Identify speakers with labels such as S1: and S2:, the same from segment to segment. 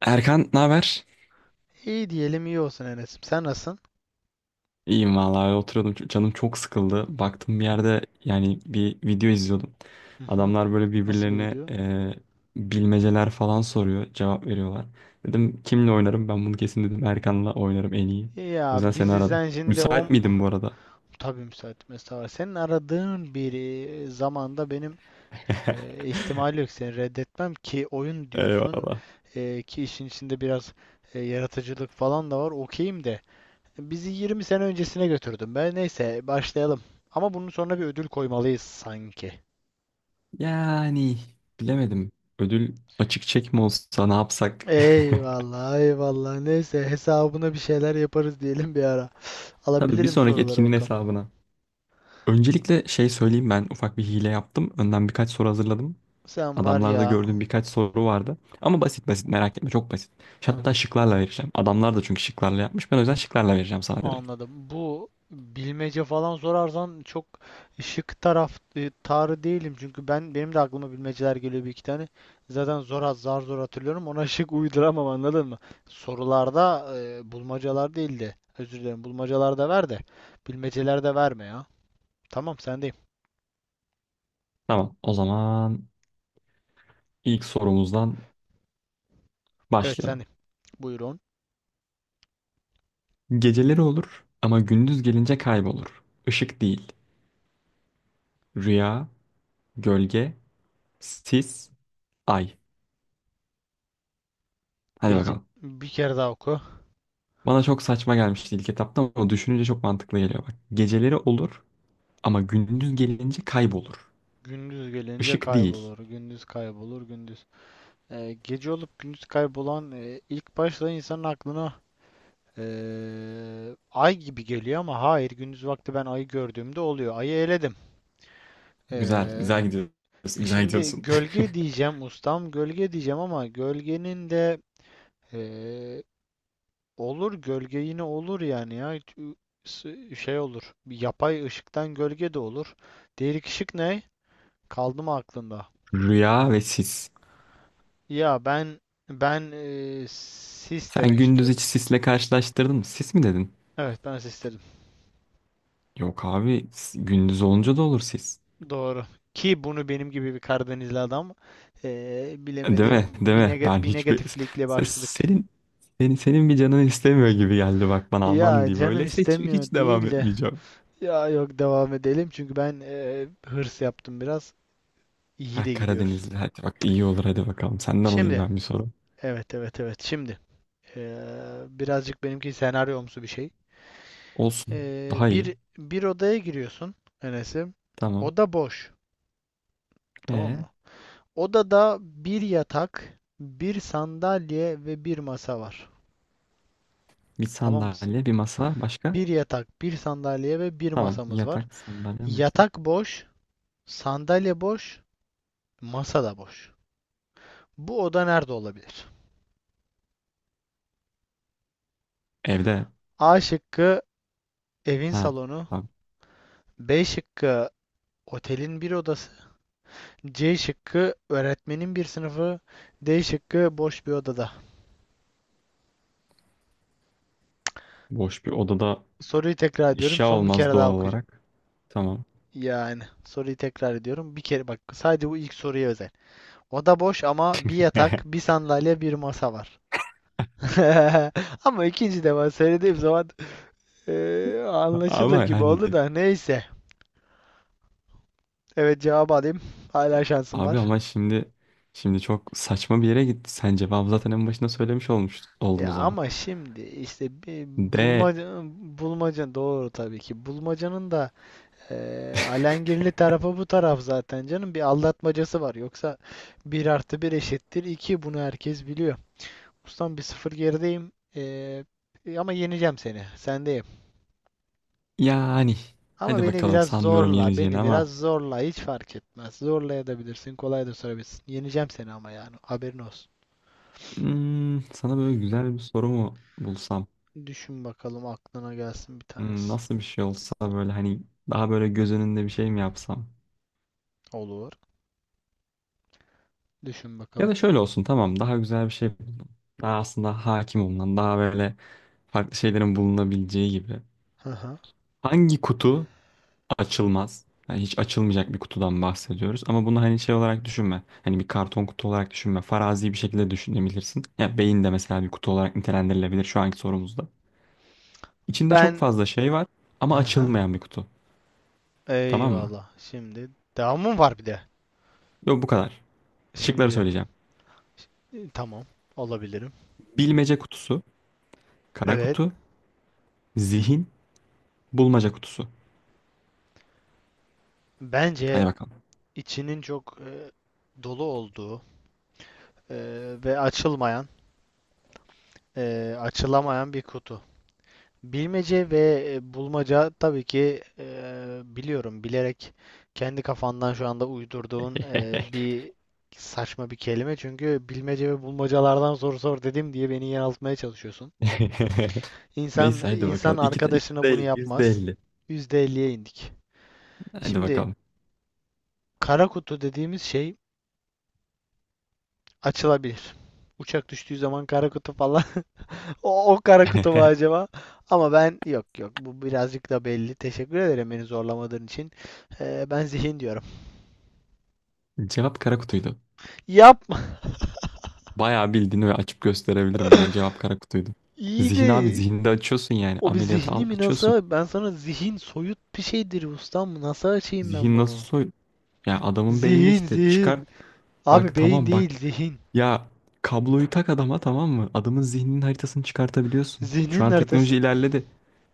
S1: Erkan, ne haber?
S2: İyi diyelim iyi olsun Enes'im. Sen nasılsın?
S1: İyiyim vallahi oturuyordum. Canım çok sıkıldı. Baktım bir yerde yani bir video izliyordum.
S2: Hı hı.
S1: Adamlar böyle
S2: Nasıl bir
S1: birbirlerine
S2: video?
S1: bilmeceler falan soruyor, cevap veriyorlar. Dedim kimle oynarım? Ben bunu kesin dedim Erkan'la oynarım en iyi. O
S2: Ya
S1: yüzden seni
S2: bizi
S1: aradım.
S2: sen şimdi
S1: Müsait
S2: on... Ah,
S1: miydin bu arada?
S2: tabii müsait mesafe var. Senin aradığın bir zamanda benim ihtimal yok seni reddetmem ki oyun diyorsun
S1: Eyvallah.
S2: ki işin içinde biraz yaratıcılık falan da var. Okeyim de. Bizi 20 sene öncesine götürdün be. Neyse başlayalım. Ama bunun sonra bir ödül koymalıyız sanki.
S1: Yani bilemedim. Ödül açık çek mi olsa ne yapsak?
S2: Eyvallah eyvallah. Neyse hesabına bir şeyler yaparız diyelim bir ara.
S1: Tabii bir
S2: Alabilirim,
S1: sonraki
S2: sorulara
S1: etkinliğin
S2: bakalım.
S1: hesabına. Öncelikle şey söyleyeyim, ben ufak bir hile yaptım. Önden birkaç soru hazırladım.
S2: Sen var
S1: Adamlarda
S2: ya
S1: gördüğüm birkaç soru vardı. Ama basit basit, merak etme, çok basit. Hatta şıklarla vereceğim. Adamlar da çünkü şıklarla yapmış. Ben o yüzden şıklarla vereceğim sana direkt.
S2: anladım. Bu bilmece falan sorarsan çok şık taraf tarı değilim çünkü benim de aklıma bilmeceler geliyor bir iki tane. Zaten zor az zar zor hatırlıyorum. Ona şık uyduramam, anladın mı? Sorularda bulmacalar değil de, özür dilerim, bulmacalarda ver de bilmeceler de verme ya. Tamam, sendeyim.
S1: Tamam, o zaman ilk sorumuzdan
S2: Evet,
S1: başlayalım.
S2: sendeyim. Buyurun.
S1: Geceleri olur ama gündüz gelince kaybolur. Işık değil. Rüya, gölge, sis, ay. Hadi
S2: Gece
S1: bakalım.
S2: bir kere daha oku.
S1: Bana çok saçma gelmişti ilk etapta ama düşününce çok mantıklı geliyor bak. Geceleri olur ama gündüz gelince kaybolur.
S2: Gündüz gelince
S1: Işık değil.
S2: kaybolur. Gündüz kaybolur. Gündüz. Gece olup gündüz kaybolan ilk başta insanın aklına ay gibi geliyor ama hayır, gündüz vakti ben ayı gördüğümde oluyor. Ayı eledim.
S1: Güzel,
S2: Ee,
S1: güzel gidiyorsun. Güzel
S2: Şimdi
S1: gidiyorsun.
S2: gölge diyeceğim ustam, gölge diyeceğim ama gölgenin de e, olur, gölge yine olur yani, ya şey olur, bir yapay ışıktan gölge de olur. Değerik ışık ne? Kaldı mı aklında?
S1: Rüya ve sis.
S2: Ya ben, sis
S1: Sen
S2: demek
S1: gündüz
S2: istiyorum.
S1: hiç sisle karşılaştırdın mı? Sis mi dedin?
S2: Evet, ben sis dedim.
S1: Yok abi, gündüz olunca da olur sis.
S2: Doğru. Ki bunu benim gibi bir Karadenizli adam
S1: Değil
S2: bilemedi.
S1: mi? Değil
S2: Bir,
S1: mi?
S2: nega-
S1: Ben
S2: bir
S1: hiçbir...
S2: negatiflikle başladık.
S1: Senin, senin bir canın istemiyor gibi geldi bak, bana aman
S2: Ya
S1: diyeyim.
S2: canım
S1: Öyleyse hiç, hiç
S2: istemiyor
S1: devam
S2: değil de.
S1: etmeyeceğim.
S2: Ya yok, devam edelim çünkü ben hırs yaptım biraz. İyi
S1: Ha
S2: de gidiyoruz.
S1: Karadenizli, hadi bak iyi olur, hadi bakalım. Senden alayım
S2: Şimdi.
S1: ben bir soru.
S2: Evet evet evet. Şimdi. Birazcık benimki senaryomsu bir şey.
S1: Olsun,
S2: Eee,
S1: daha
S2: bir,
S1: iyi.
S2: bir odaya giriyorsun Enes'im.
S1: Tamam.
S2: Oda boş. Tamam
S1: Ee,
S2: mı? Odada bir yatak, bir sandalye ve bir masa var.
S1: bir
S2: Tamam mı?
S1: sandalye, bir masa, başka?
S2: Bir yatak, bir sandalye ve bir
S1: Tamam,
S2: masamız var.
S1: yatak, sandalye, masa.
S2: Yatak boş, sandalye boş, masa da boş. Bu oda nerede olabilir?
S1: Evde.
S2: A şıkkı evin
S1: Ha
S2: salonu,
S1: abi,
S2: B şıkkı otelin bir odası, C şıkkı öğretmenin bir sınıfı, D şıkkı boş bir odada.
S1: boş bir odada.
S2: Soruyu tekrar ediyorum.
S1: Eşya
S2: Son bir
S1: olmaz
S2: kere daha
S1: doğal
S2: okuyacağım.
S1: olarak. Tamam.
S2: Yani soruyu tekrar ediyorum. Bir kere bak, sadece bu ilk soruya özel. Oda boş ama bir yatak, bir sandalye, bir masa var. Ama ikinci defa söylediğim zaman anlaşılır
S1: Ama
S2: gibi
S1: yani
S2: oldu da, neyse. Evet, cevabı alayım. Hala şansım var.
S1: abi, ama şimdi çok saçma bir yere gitti. Sen cevabı zaten en başında söylemiş olmuş oldun o
S2: Ya
S1: zaman.
S2: ama şimdi işte bir
S1: De
S2: bulmaca bulmaca, doğru tabii ki. Bulmacanın da alengirli tarafı bu taraf zaten canım. Bir aldatmacası var. Yoksa 1+1=2. Bunu herkes biliyor. Ustam, 1-0 gerideyim. Ama yeneceğim seni. Sendeyim.
S1: yani
S2: Ama
S1: hadi
S2: beni
S1: bakalım,
S2: biraz
S1: sanmıyorum
S2: zorla.
S1: yeneceğini
S2: Beni biraz
S1: ama
S2: zorla. Hiç fark etmez. Zorlayabilirsin. Kolay da sorabilirsin. Yeneceğim seni ama yani. Haberin olsun.
S1: sana böyle güzel bir soru mu bulsam?
S2: Düşün bakalım, aklına gelsin bir tanesi.
S1: Nasıl bir şey olsa böyle, hani daha böyle göz önünde bir şey mi yapsam?
S2: Olur. Düşün
S1: Ya
S2: bakalım.
S1: da şöyle olsun, tamam, daha güzel bir şey buldum. Daha aslında hakim olunan, daha böyle farklı şeylerin bulunabileceği gibi.
S2: Hı hı.
S1: Hangi kutu açılmaz. Yani hiç açılmayacak bir kutudan bahsediyoruz. Ama bunu hani şey olarak düşünme. Hani bir karton kutu olarak düşünme. Farazi bir şekilde düşünebilirsin. Ya beyin de mesela bir kutu olarak nitelendirilebilir şu anki sorumuzda. İçinde çok
S2: Ben
S1: fazla şey var ama
S2: hı hı.
S1: açılmayan bir kutu. Tamam mı?
S2: Eyvallah. Şimdi devamım var bir de.
S1: Yok, bu kadar. Şıkları
S2: Şimdi
S1: söyleyeceğim.
S2: tamam, olabilirim.
S1: Bilmece kutusu, kara
S2: Evet.
S1: kutu, zihin, bulmaca kutusu. Hadi
S2: Bence
S1: bakalım.
S2: içinin çok dolu olduğu e, ve açılmayan, açılamayan bir kutu. Bilmece ve bulmaca, tabii ki biliyorum, bilerek kendi kafandan şu anda uydurduğun bir saçma bir kelime. Çünkü bilmece ve bulmacalardan soru sor dedim diye beni yanıltmaya çalışıyorsun. İnsan
S1: Neyse, hadi
S2: insan
S1: bakalım.
S2: arkadaşına bunu
S1: Yüzde
S2: yapmaz.
S1: %50.
S2: %50'ye indik.
S1: Hadi
S2: Şimdi
S1: bakalım.
S2: kara kutu dediğimiz şey açılabilir. Uçak düştüğü zaman kara kutu falan. O kara kutu mu acaba? Ama ben yok yok, bu birazcık da belli. Teşekkür ederim beni zorlamadığın için. Ben zihin diyorum.
S1: Cevap kara kutuydu.
S2: Yapma.
S1: Bayağı bildiğini ve açıp gösterebilirim, yani cevap kara kutuydu. Zihin abi,
S2: İyiydi.
S1: zihinde açıyorsun, yani
S2: O bir
S1: ameliyata al,
S2: zihni mi
S1: açıyorsun.
S2: NASA? Ben sana zihin soyut bir şeydir ustam. Nasıl açayım ben
S1: Zihin nasıl
S2: bunu?
S1: soy? Ya adamın beyni
S2: Zihin
S1: işte çıkar,
S2: zihin.
S1: bak
S2: Abi beyin
S1: tamam bak,
S2: değil, zihin.
S1: ya kabloyu tak adama, tamam mı? Adamın zihninin haritasını çıkartabiliyorsun. Şu
S2: Zihnin
S1: an
S2: haritası.
S1: teknoloji ilerledi.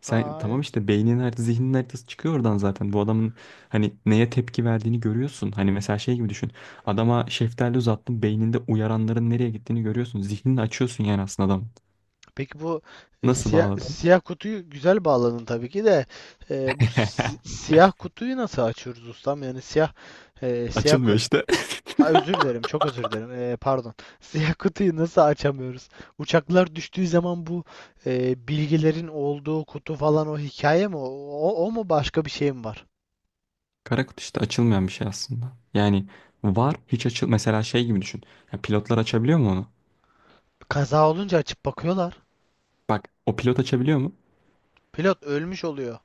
S1: Sen tamam
S2: Hayır.
S1: işte, beyninin haritası, zihninin haritası çıkıyor oradan zaten. Bu adamın hani neye tepki verdiğini görüyorsun. Hani mesela şey gibi düşün. Adama şeftali uzattın, beyninde uyaranların nereye gittiğini görüyorsun. Zihnini açıyorsun yani aslında adamın.
S2: Peki bu e,
S1: Nasıl
S2: siyah,
S1: bağladın?
S2: siyah kutuyu güzel bağladın tabii ki de. Bu si- siyah kutuyu nasıl açıyoruz ustam? Yani siyah
S1: Açılmıyor
S2: kutu.
S1: işte.
S2: Aa, özür dilerim, çok özür dilerim. Pardon. Siyah kutuyu nasıl açamıyoruz? Uçaklar düştüğü zaman bu bilgilerin olduğu kutu falan, o hikaye mi? O mu, başka bir şey mi var?
S1: Kara kutu işte, açılmayan bir şey aslında. Yani var hiç açıl, mesela şey gibi düşün. Ya pilotlar açabiliyor mu onu?
S2: Kaza olunca açıp bakıyorlar.
S1: Bak, o pilot açabiliyor mu?
S2: Pilot ölmüş oluyor.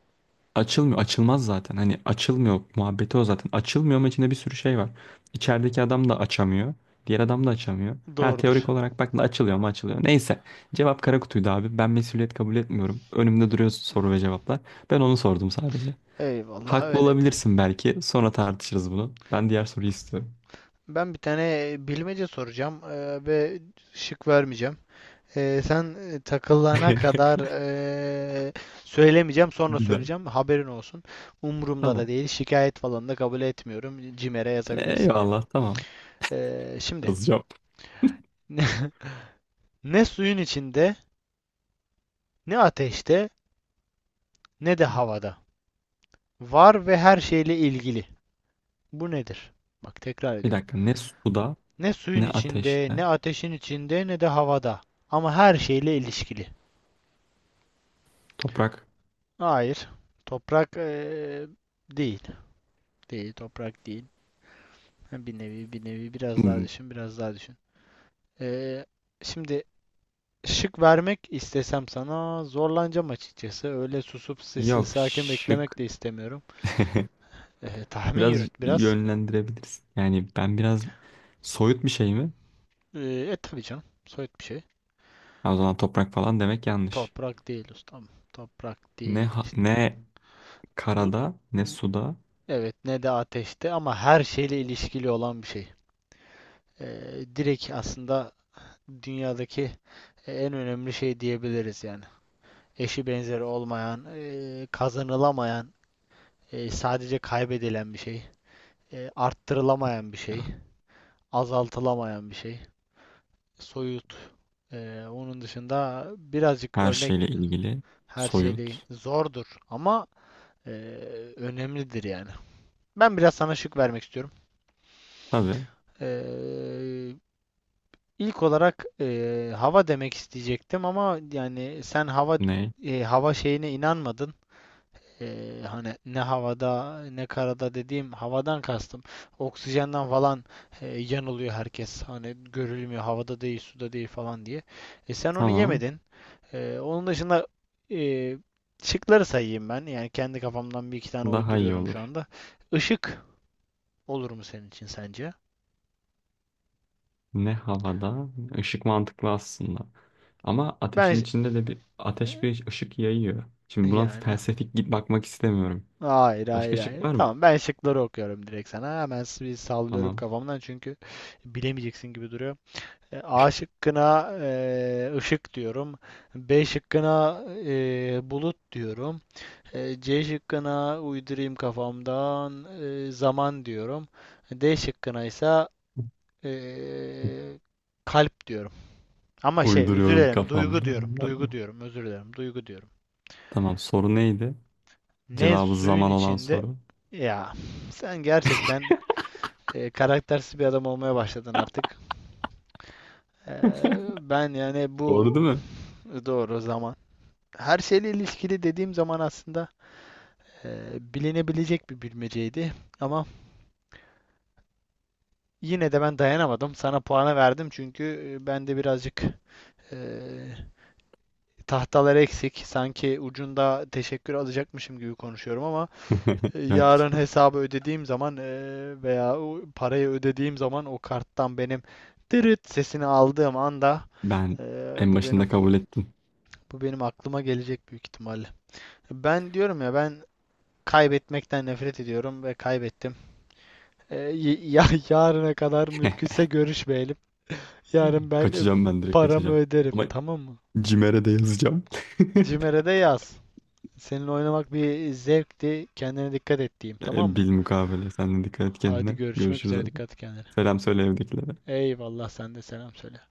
S1: Açılmıyor. Açılmaz zaten. Hani açılmıyor muhabbeti o zaten. Açılmıyor ama içinde bir sürü şey var. İçerideki adam da açamıyor. Diğer adam da açamıyor. Ha
S2: Doğrudur.
S1: teorik olarak bak, açılıyor mu açılıyor. Neyse. Cevap kara kutuydu abi. Ben mesuliyet kabul etmiyorum. Önümde duruyor soru ve cevaplar. Ben onu sordum sadece.
S2: Eyvallah,
S1: Haklı
S2: öyledir.
S1: olabilirsin belki. Sonra tartışırız bunu. Ben diğer soruyu istiyorum.
S2: Ben bir tane bilmece soracağım ve şık vermeyeceğim. Sen takılana kadar söylemeyeceğim, sonra
S1: Güzel.
S2: söyleyeceğim. Haberin olsun. Umurumda da
S1: Tamam.
S2: değil. Şikayet falan da kabul etmiyorum. Cimer'e yazabilirsin yani.
S1: Eyvallah, tamam.
S2: Şimdi
S1: Yazacağım.
S2: ne suyun içinde, ne ateşte, ne de havada. Var ve her şeyle ilgili. Bu nedir? Bak, tekrar
S1: Bir
S2: ediyorum.
S1: dakika. Ne suda,
S2: Ne suyun
S1: ne
S2: içinde,
S1: ateşte.
S2: ne ateşin içinde, ne de havada. Ama her şeyle ilişkili.
S1: Toprak.
S2: Hayır. Toprak değil. Değil, toprak değil. Ha, bir nevi, bir nevi, biraz daha
S1: Hmm,
S2: düşün, biraz daha düşün. Ee, Şimdi şık vermek istesem sana zorlanacağım açıkçası. Öyle susup sessiz
S1: Yok
S2: sakin beklemek
S1: şık.
S2: de istemiyorum. Tahmin
S1: Biraz
S2: yürüt biraz.
S1: yönlendirebilirsin. Yani ben biraz soyut bir şey mi?
S2: Ee, tabii canım, soyut bir şey.
S1: Ha, o zaman toprak falan demek yanlış.
S2: Toprak değil ustam. Toprak değil. İşte
S1: Ne
S2: bu,
S1: karada, ne
S2: bu-
S1: suda.
S2: evet, ne de ateşte, ama her şeyle ilişkili olan bir şey. Direkt aslında dünyadaki en önemli şey diyebiliriz yani. Eşi benzeri olmayan, kazanılamayan. Sadece kaybedilen bir şey. Arttırılamayan bir şey.
S1: Ya,
S2: Azaltılamayan bir şey. Soyut. Onun dışında birazcık
S1: her
S2: örnek
S1: şeyle ilgili.
S2: her şeyde
S1: Soyut.
S2: zordur ama e, önemlidir yani. Ben biraz sana şık vermek istiyorum.
S1: Tabii.
S2: E, ilk olarak hava demek isteyecektim ama yani sen hava
S1: Ne?
S2: e, hava şeyine inanmadın. Hani ne havada ne karada dediğim havadan kastım. Oksijenden falan yanılıyor herkes. Hani görülmüyor, havada değil, suda değil falan diye. Sen onu
S1: Tamam.
S2: yemedin. Onun dışında e, şıkları sayayım ben. Yani kendi kafamdan bir iki tane
S1: Daha iyi
S2: uyduruyorum şu
S1: olur.
S2: anda. Işık olur mu senin için sence?
S1: Ne havada? Işık mantıklı aslında. Ama
S2: Ben
S1: ateşin
S2: ş-
S1: içinde de bir ateş bir ışık yayıyor. Şimdi buna
S2: yani
S1: felsefik git bakmak istemiyorum.
S2: hayır hayır
S1: Başka şık
S2: hayır.
S1: var mı?
S2: Tamam, ben şıkları okuyorum direkt sana. Hemen bir sallıyorum
S1: Tamam.
S2: kafamdan çünkü bilemeyeceksin gibi duruyor. A şıkkına ışık diyorum. B şıkkına bulut diyorum. C şıkkına uydurayım kafamdan zaman diyorum. D şıkkına ise e, kalp diyorum. Ama şey, özür
S1: Uyduruyorum
S2: dilerim,
S1: kafamda.
S2: duygu diyorum. Duygu diyorum, özür dilerim, duygu diyorum.
S1: Tamam, soru neydi?
S2: Ne
S1: Cevabı
S2: suyun
S1: zaman olan
S2: içinde
S1: soru.
S2: ya sen gerçekten karaktersiz bir adam olmaya başladın artık. E, Ben yani, bu
S1: Doğru değil mi?
S2: doğru, zaman. Her şeyle ilişkili dediğim zaman aslında bilinebilecek bir bilmeceydi. Ama yine de ben dayanamadım. Sana puanı verdim çünkü ben de birazcık eee tahtalar eksik. Sanki ucunda teşekkür alacakmışım gibi konuşuyorum ama
S1: Yok
S2: yarın
S1: canım.
S2: hesabı ödediğim zaman veya o parayı ödediğim zaman, o karttan benim tırıt sesini aldığım anda
S1: Ben
S2: eee,
S1: en
S2: bu
S1: başında
S2: benim
S1: kabul ettim.
S2: bu benim aklıma gelecek büyük ihtimalle. Ben diyorum ya, ben kaybetmekten nefret ediyorum ve kaybettim. Ya yarına kadar mümkünse görüşmeyelim. Yarın ben
S1: Kaçacağım, ben direkt
S2: paramı
S1: kaçacağım.
S2: öderim,
S1: Ama
S2: tamam mı?
S1: Cimer'e de yazacağım.
S2: Cimer'e de yaz. Seninle oynamak bir zevkti. Kendine dikkat et diyeyim, tamam mı?
S1: Bil mukabele. Sen de dikkat et
S2: Hadi
S1: kendine.
S2: görüşmek
S1: Görüşürüz
S2: üzere,
S1: hadi.
S2: dikkat et kendine.
S1: Selam söyle evdekilere.
S2: Eyvallah, sen de selam söyle.